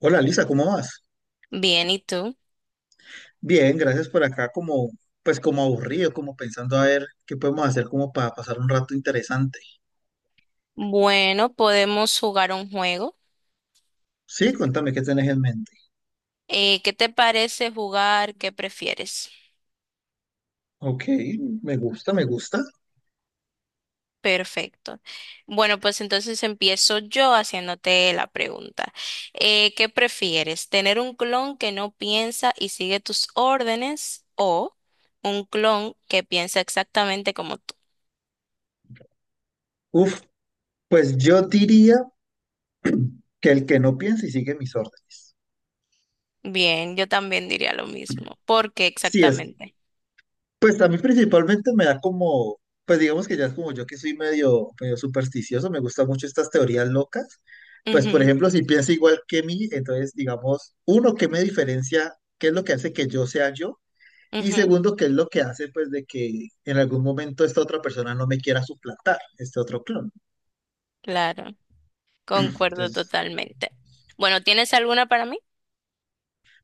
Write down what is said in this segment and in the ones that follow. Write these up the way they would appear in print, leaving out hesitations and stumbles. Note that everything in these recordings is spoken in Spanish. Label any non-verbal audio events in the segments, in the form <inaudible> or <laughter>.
Hola Lisa, ¿cómo vas? Bien, ¿y tú? Bien, gracias por acá, como pues como aburrido, como pensando a ver qué podemos hacer como para pasar un rato interesante. Bueno, podemos jugar un juego. Sí, cuéntame qué tenés en mente. ¿Qué te parece jugar? ¿Qué prefieres? Ok, me gusta, me gusta. Perfecto. Bueno, pues entonces empiezo yo haciéndote la pregunta. ¿Qué prefieres? ¿Tener un clon que no piensa y sigue tus órdenes o un clon que piensa exactamente como tú? Uf, pues yo diría que el que no piensa y sigue mis órdenes. Bien, yo también diría lo mismo. ¿Por qué Sí, es, exactamente? pues a mí principalmente me da como, pues digamos que ya es como yo que soy medio, medio supersticioso, me gustan mucho estas teorías locas. Pues por Ujú, ejemplo, si piensa igual que mí, entonces digamos, uno, ¿qué me diferencia? ¿Qué es lo que hace que yo sea yo? Y ujú, segundo, que es lo que hace, pues, de que en algún momento esta otra persona no me quiera suplantar, este otro clon. claro, concuerdo Entonces, totalmente. Bueno, ¿tienes alguna para mí?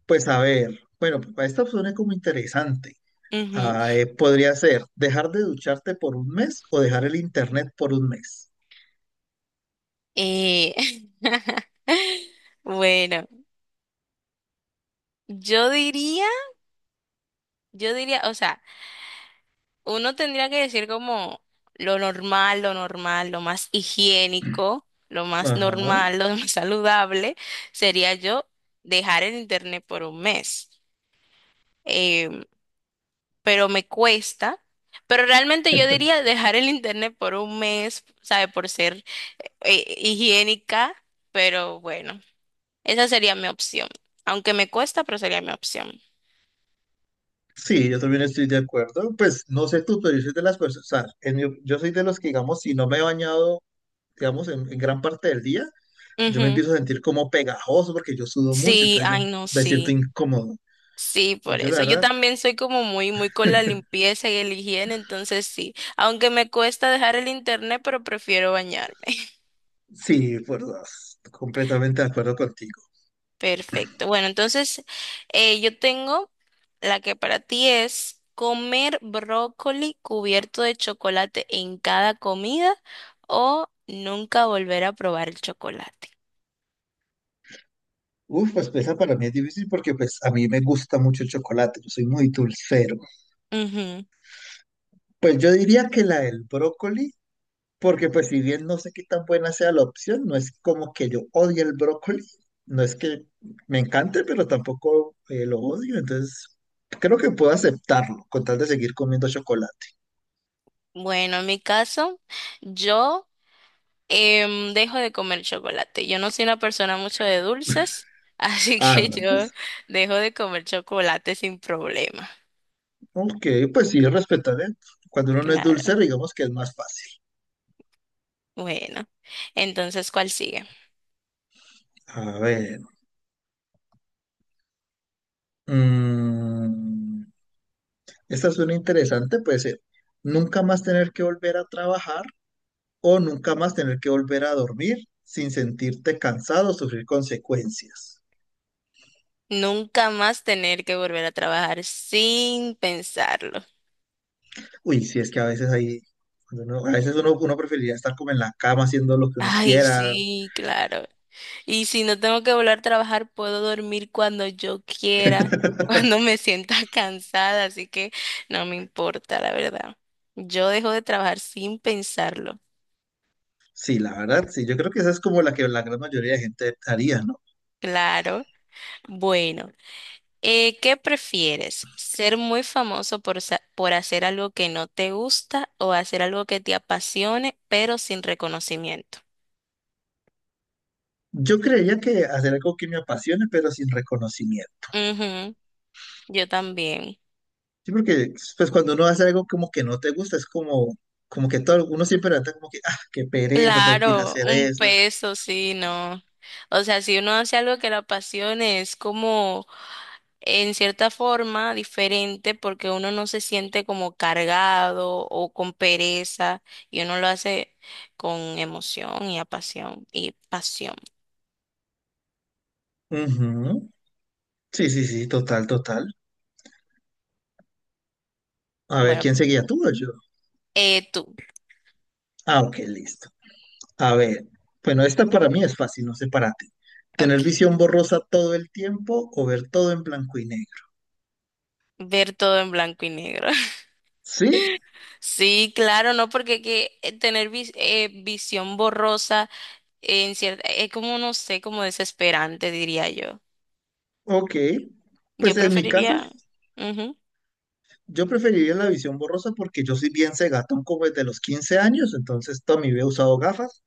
pues, a ver, bueno, pues, esta opción es como interesante. Ujú. Ah, podría ser dejar de ducharte por un mes o dejar el internet por un mes. Eh, <laughs> bueno, yo diría, yo diría, o sea, uno tendría que decir como lo normal, lo normal, lo más higiénico, lo más Ajá. normal, <laughs> lo más saludable, sería yo dejar el internet por un mes. Em, pero me cuesta, pero realmente yo <laughs> diría dejar el internet por un mes, ¿sabe? Por ser higiénica, pero bueno. Esa sería mi opción. Aunque me cuesta, pero sería mi opción. Sí, yo también estoy de acuerdo. Pues no sé tú, pero yo soy de las personas, o sea, yo soy de los que, digamos, si no me he bañado, digamos, en gran parte del día, yo me Ujú. empiezo a sentir como pegajoso porque yo sudo mucho, Sí, entonces yo ay, no, me siento sí. incómodo. Sí, Y por yo, la eso. Yo verdad, también soy como muy, muy con la limpieza y el higiene, entonces sí. Aunque me cuesta dejar el internet, pero prefiero bañarme. <laughs> sí, por dos. Completamente de acuerdo contigo. Perfecto. Bueno, entonces yo tengo la que para ti es comer brócoli cubierto de chocolate en cada comida o nunca volver a probar el chocolate. Uf, pues esa para mí es difícil porque pues a mí me gusta mucho el chocolate, yo soy muy dulcero. Pues yo diría que la del brócoli, porque pues si bien no sé qué tan buena sea la opción, no es como que yo odie el brócoli, no es que me encante, pero tampoco lo odio, entonces creo que puedo aceptarlo con tal de seguir comiendo chocolate. Bueno, en mi caso, yo dejo de comer chocolate. Yo no soy una persona mucho de dulces, <laughs> así Ah, que no, yo pues, dejo de comer chocolate sin problema. ok, pues sí, respetaré. Cuando uno no es Claro. dulcero, digamos que es más fácil. Bueno, entonces, ¿cuál sigue? A ver. Mm, Esta suena interesante, puede ser nunca más tener que volver a trabajar o nunca más tener que volver a dormir sin sentirte cansado o sufrir consecuencias. Nunca más tener que volver a trabajar sin pensarlo. Uy, si es que a veces hay, a veces uno preferiría estar como en la cama haciendo lo que uno Ay, quiera. sí, claro. Y si no tengo que volver a trabajar, puedo dormir cuando yo quiera, <laughs> cuando me sienta <laughs> cansada, así que no me importa, la verdad. Yo dejo de trabajar sin pensarlo. Sí, la verdad, sí, yo creo que esa es como la que la gran mayoría de gente haría, ¿no? Claro. Bueno, ¿qué prefieres? ¿Ser muy famoso por hacer algo que no te gusta o hacer algo que te apasione, pero sin reconocimiento? Yo creía que hacer algo que me apasione, pero sin reconocimiento. Ujú, yo también. Sí, porque pues cuando uno hace algo como que no te gusta, es como, como que todo, uno siempre levanta como que, ah, qué pereza, tengo que ir a Claro, hacer un eso. peso, sí, no. O sea, si uno hace algo que le apasione, es como en cierta forma diferente porque uno no se siente como cargado o con pereza y uno lo hace con emoción y apasión y pasión. Ujú. Sí, sí, sí, total, total. A ver, Bueno, ¿quién seguía tú o yo? Tú, Ah, ok, listo. A ver, bueno, esta para mí es fácil, no sé para ti. ¿Tener okay. visión borrosa todo el tiempo o ver todo en blanco y negro? Ver todo en blanco y negro. <laughs> Sí, Sí, claro, no porque que visión borrosa en cierta, es como no sé, como desesperante, diría yo. ok. Pues Yo en mi caso, preferiría... Ujú. yo preferiría la visión borrosa porque yo soy bien cegatón como desde los 15 años, entonces toda mi vida he usado gafas.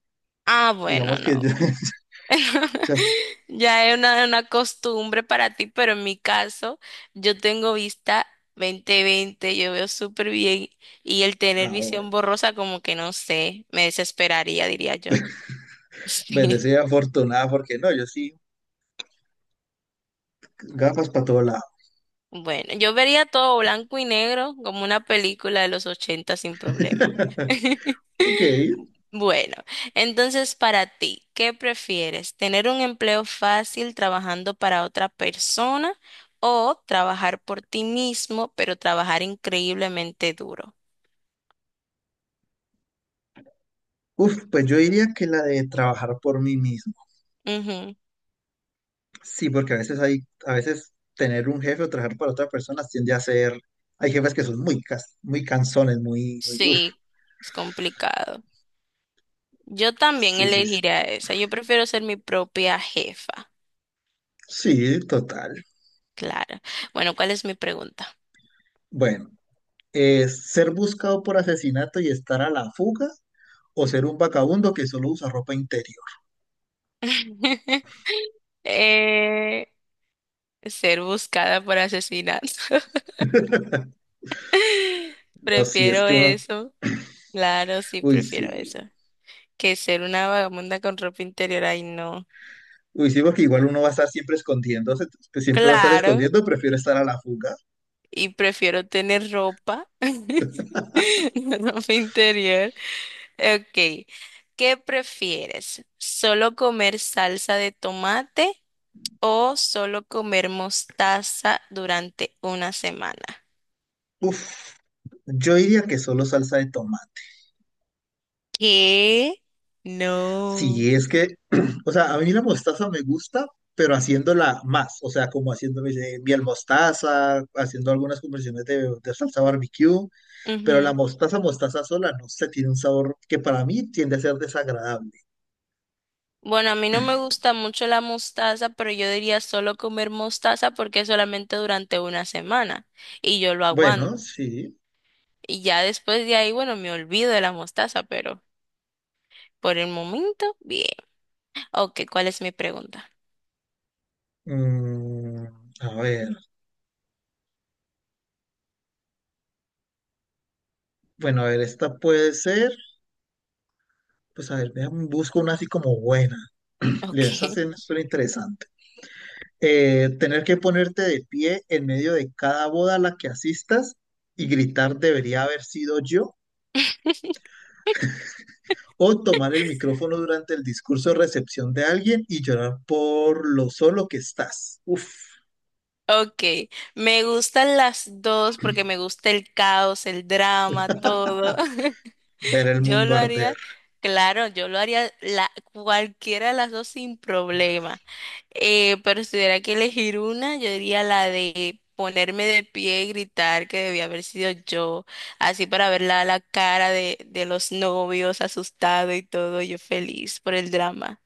Ah, bueno, Digamos no. que yo <laughs> <laughs> sea, Ya es una costumbre para ti, pero en mi caso, yo tengo vista 20/20. Yo veo súper bien y el tener ah, bueno. visión borrosa como que no sé, me desesperaría, diría yo. <laughs> Sí. Bendecida, afortunada, porque no, yo sí, gafas para todo lado. Bueno, yo vería todo blanco y negro como una película de los 80 sin problema. <laughs> Ok. Bueno, entonces para ti, ¿qué prefieres? ¿Tener un empleo fácil trabajando para otra persona o trabajar por ti mismo, pero trabajar increíblemente duro? Uf, pues yo diría que la de trabajar por mí mismo. Ujú. Sí, porque a veces hay, a veces tener un jefe o trabajar para otra persona tiende a ser, hay jefes que son muy, muy cansones, muy, muy, uf. Sí, es complicado. Yo también Sí, sí, sí. elegiría esa. Yo prefiero ser mi propia jefa. Sí, total. Claro. Bueno, ¿cuál es mi pregunta? Bueno, es ser buscado por asesinato y estar a la fuga o ser un vagabundo que solo usa ropa interior. <laughs> Eh, Ser buscada por asesinato. <laughs> No, si es Prefiero que uno, eso. Claro, sí, uy, prefiero sí. eso. Que ser una vagabunda con ropa interior. Ay, no. Uy, sí, porque igual uno va a estar siempre escondiéndose, pues, siempre va a estar Claro, escondiendo, prefiero estar a la fuga. y prefiero tener ropa, <laughs> no ropa interior. Ok, ¿qué prefieres? ¿Solo comer salsa de tomate o solo comer mostaza durante una semana? Uf, yo diría que solo salsa de tomate. ¿Qué? No. Sí, es que, <clears throat> o sea, a mí la mostaza me gusta, pero haciéndola más, o sea, como haciendo miel mostaza, haciendo algunas conversiones de salsa barbecue, pero la Ujú. mostaza, mostaza sola, no sé, tiene un sabor que para mí tiende a ser desagradable. Bueno, a mí no me gusta mucho la mostaza, pero yo diría solo comer mostaza porque es solamente durante una semana y yo lo aguanto. Bueno, sí. Y ya después de ahí, bueno, me olvido de la mostaza, pero por el momento, bien. Ok, ¿cuál es mi pregunta? Mm, a ver, bueno, a ver, esta puede ser, pues a ver, busco una así como buena. Esa Ok, sí me suena interesante. Tener que ponerte de pie en medio de cada boda a la que asistas y gritar debería haber sido yo, o tomar el <laughs> micrófono durante el discurso de recepción de alguien y llorar por lo solo que estás. Uf, ok. Me gustan las dos porque me gusta el caos, el drama, todo. <laughs> <laughs> ver el Yo mundo lo arder. haría, claro, yo lo haría cualquiera de las dos sin problema. Pero si tuviera que elegir una, yo diría la de ponerme de pie y gritar que debía haber sido yo, así para ver la cara de los novios asustado y todo, yo feliz por el drama.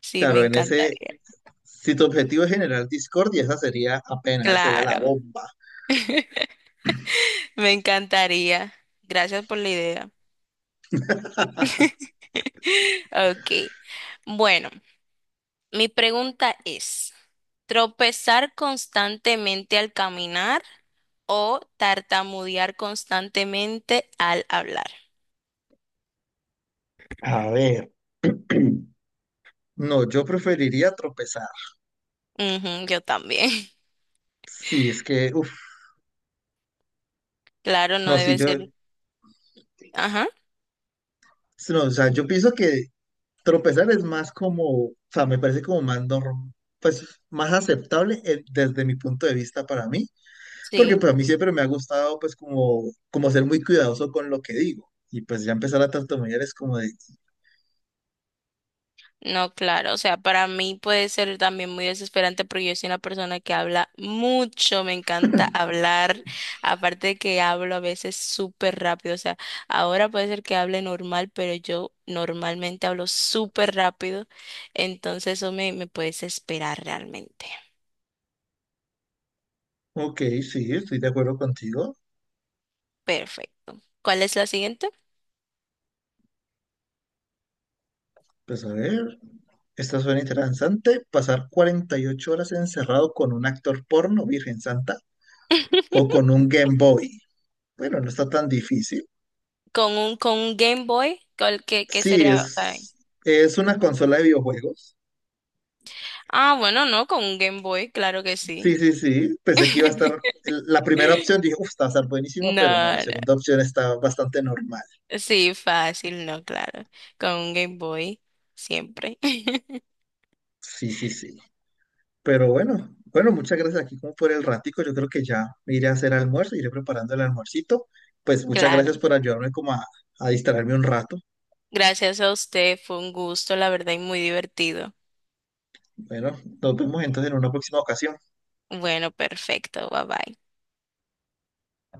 Sí, me Claro, en ese, encantaría. si tu objetivo es generar discordia, esa sería apenas, esa sería la Claro, bomba. me encantaría. Gracias por la idea. <laughs> Ok, bueno, mi pregunta es, ¿tropezar constantemente al caminar o tartamudear constantemente al hablar? A ver, no, yo preferiría tropezar. Ujú, yo también. <laughs> Sí, es que, uf, Claro, no no, si debe yo, ser. Ajá, no, o sea, yo pienso que tropezar es más como, o sea, me parece como más pues más aceptable desde mi punto de vista para mí, porque sí. pues a mí siempre me ha gustado pues como, como ser muy cuidadoso con lo que digo. Y pues ya empezar a tartamudear es como de, No, claro. O sea, para mí puede ser también muy desesperante porque yo soy una persona que habla mucho, me encanta hablar. Aparte de que hablo a veces súper rápido. O sea, ahora puede ser que hable normal, pero yo normalmente hablo súper rápido. Entonces eso me puede desesperar realmente. ok, sí, estoy de acuerdo contigo. Perfecto. ¿Cuál es la siguiente? Pues a ver, esta suena interesante. Pasar 48 horas encerrado con un actor porno, Virgen Santa, o con <laughs> un Game Boy. Bueno, no está tan difícil. Con un Game Boy, ¿ qué Sí, sería? Es una consola de videojuegos. Ah, bueno, no, con un Game Boy, claro que sí. Sí, sí, sí. Pensé que iba a estar. La primera <laughs> opción dije, uff, está a estar buenísima, No, pero no, la no, segunda opción está bastante normal. sí, fácil, no, claro. Con un Game Boy, siempre. <laughs> Sí, sí, sí. Pero bueno, bueno, muchas gracias aquí como por el ratico. Yo creo que ya me iré a hacer almuerzo, iré preparando el almuercito. Pues muchas gracias Claro. por ayudarme como a distraerme un rato. Gracias a usted, fue un gusto, la verdad, y muy divertido. Bueno, nos vemos entonces en una próxima ocasión. Bueno, perfecto, bye bye.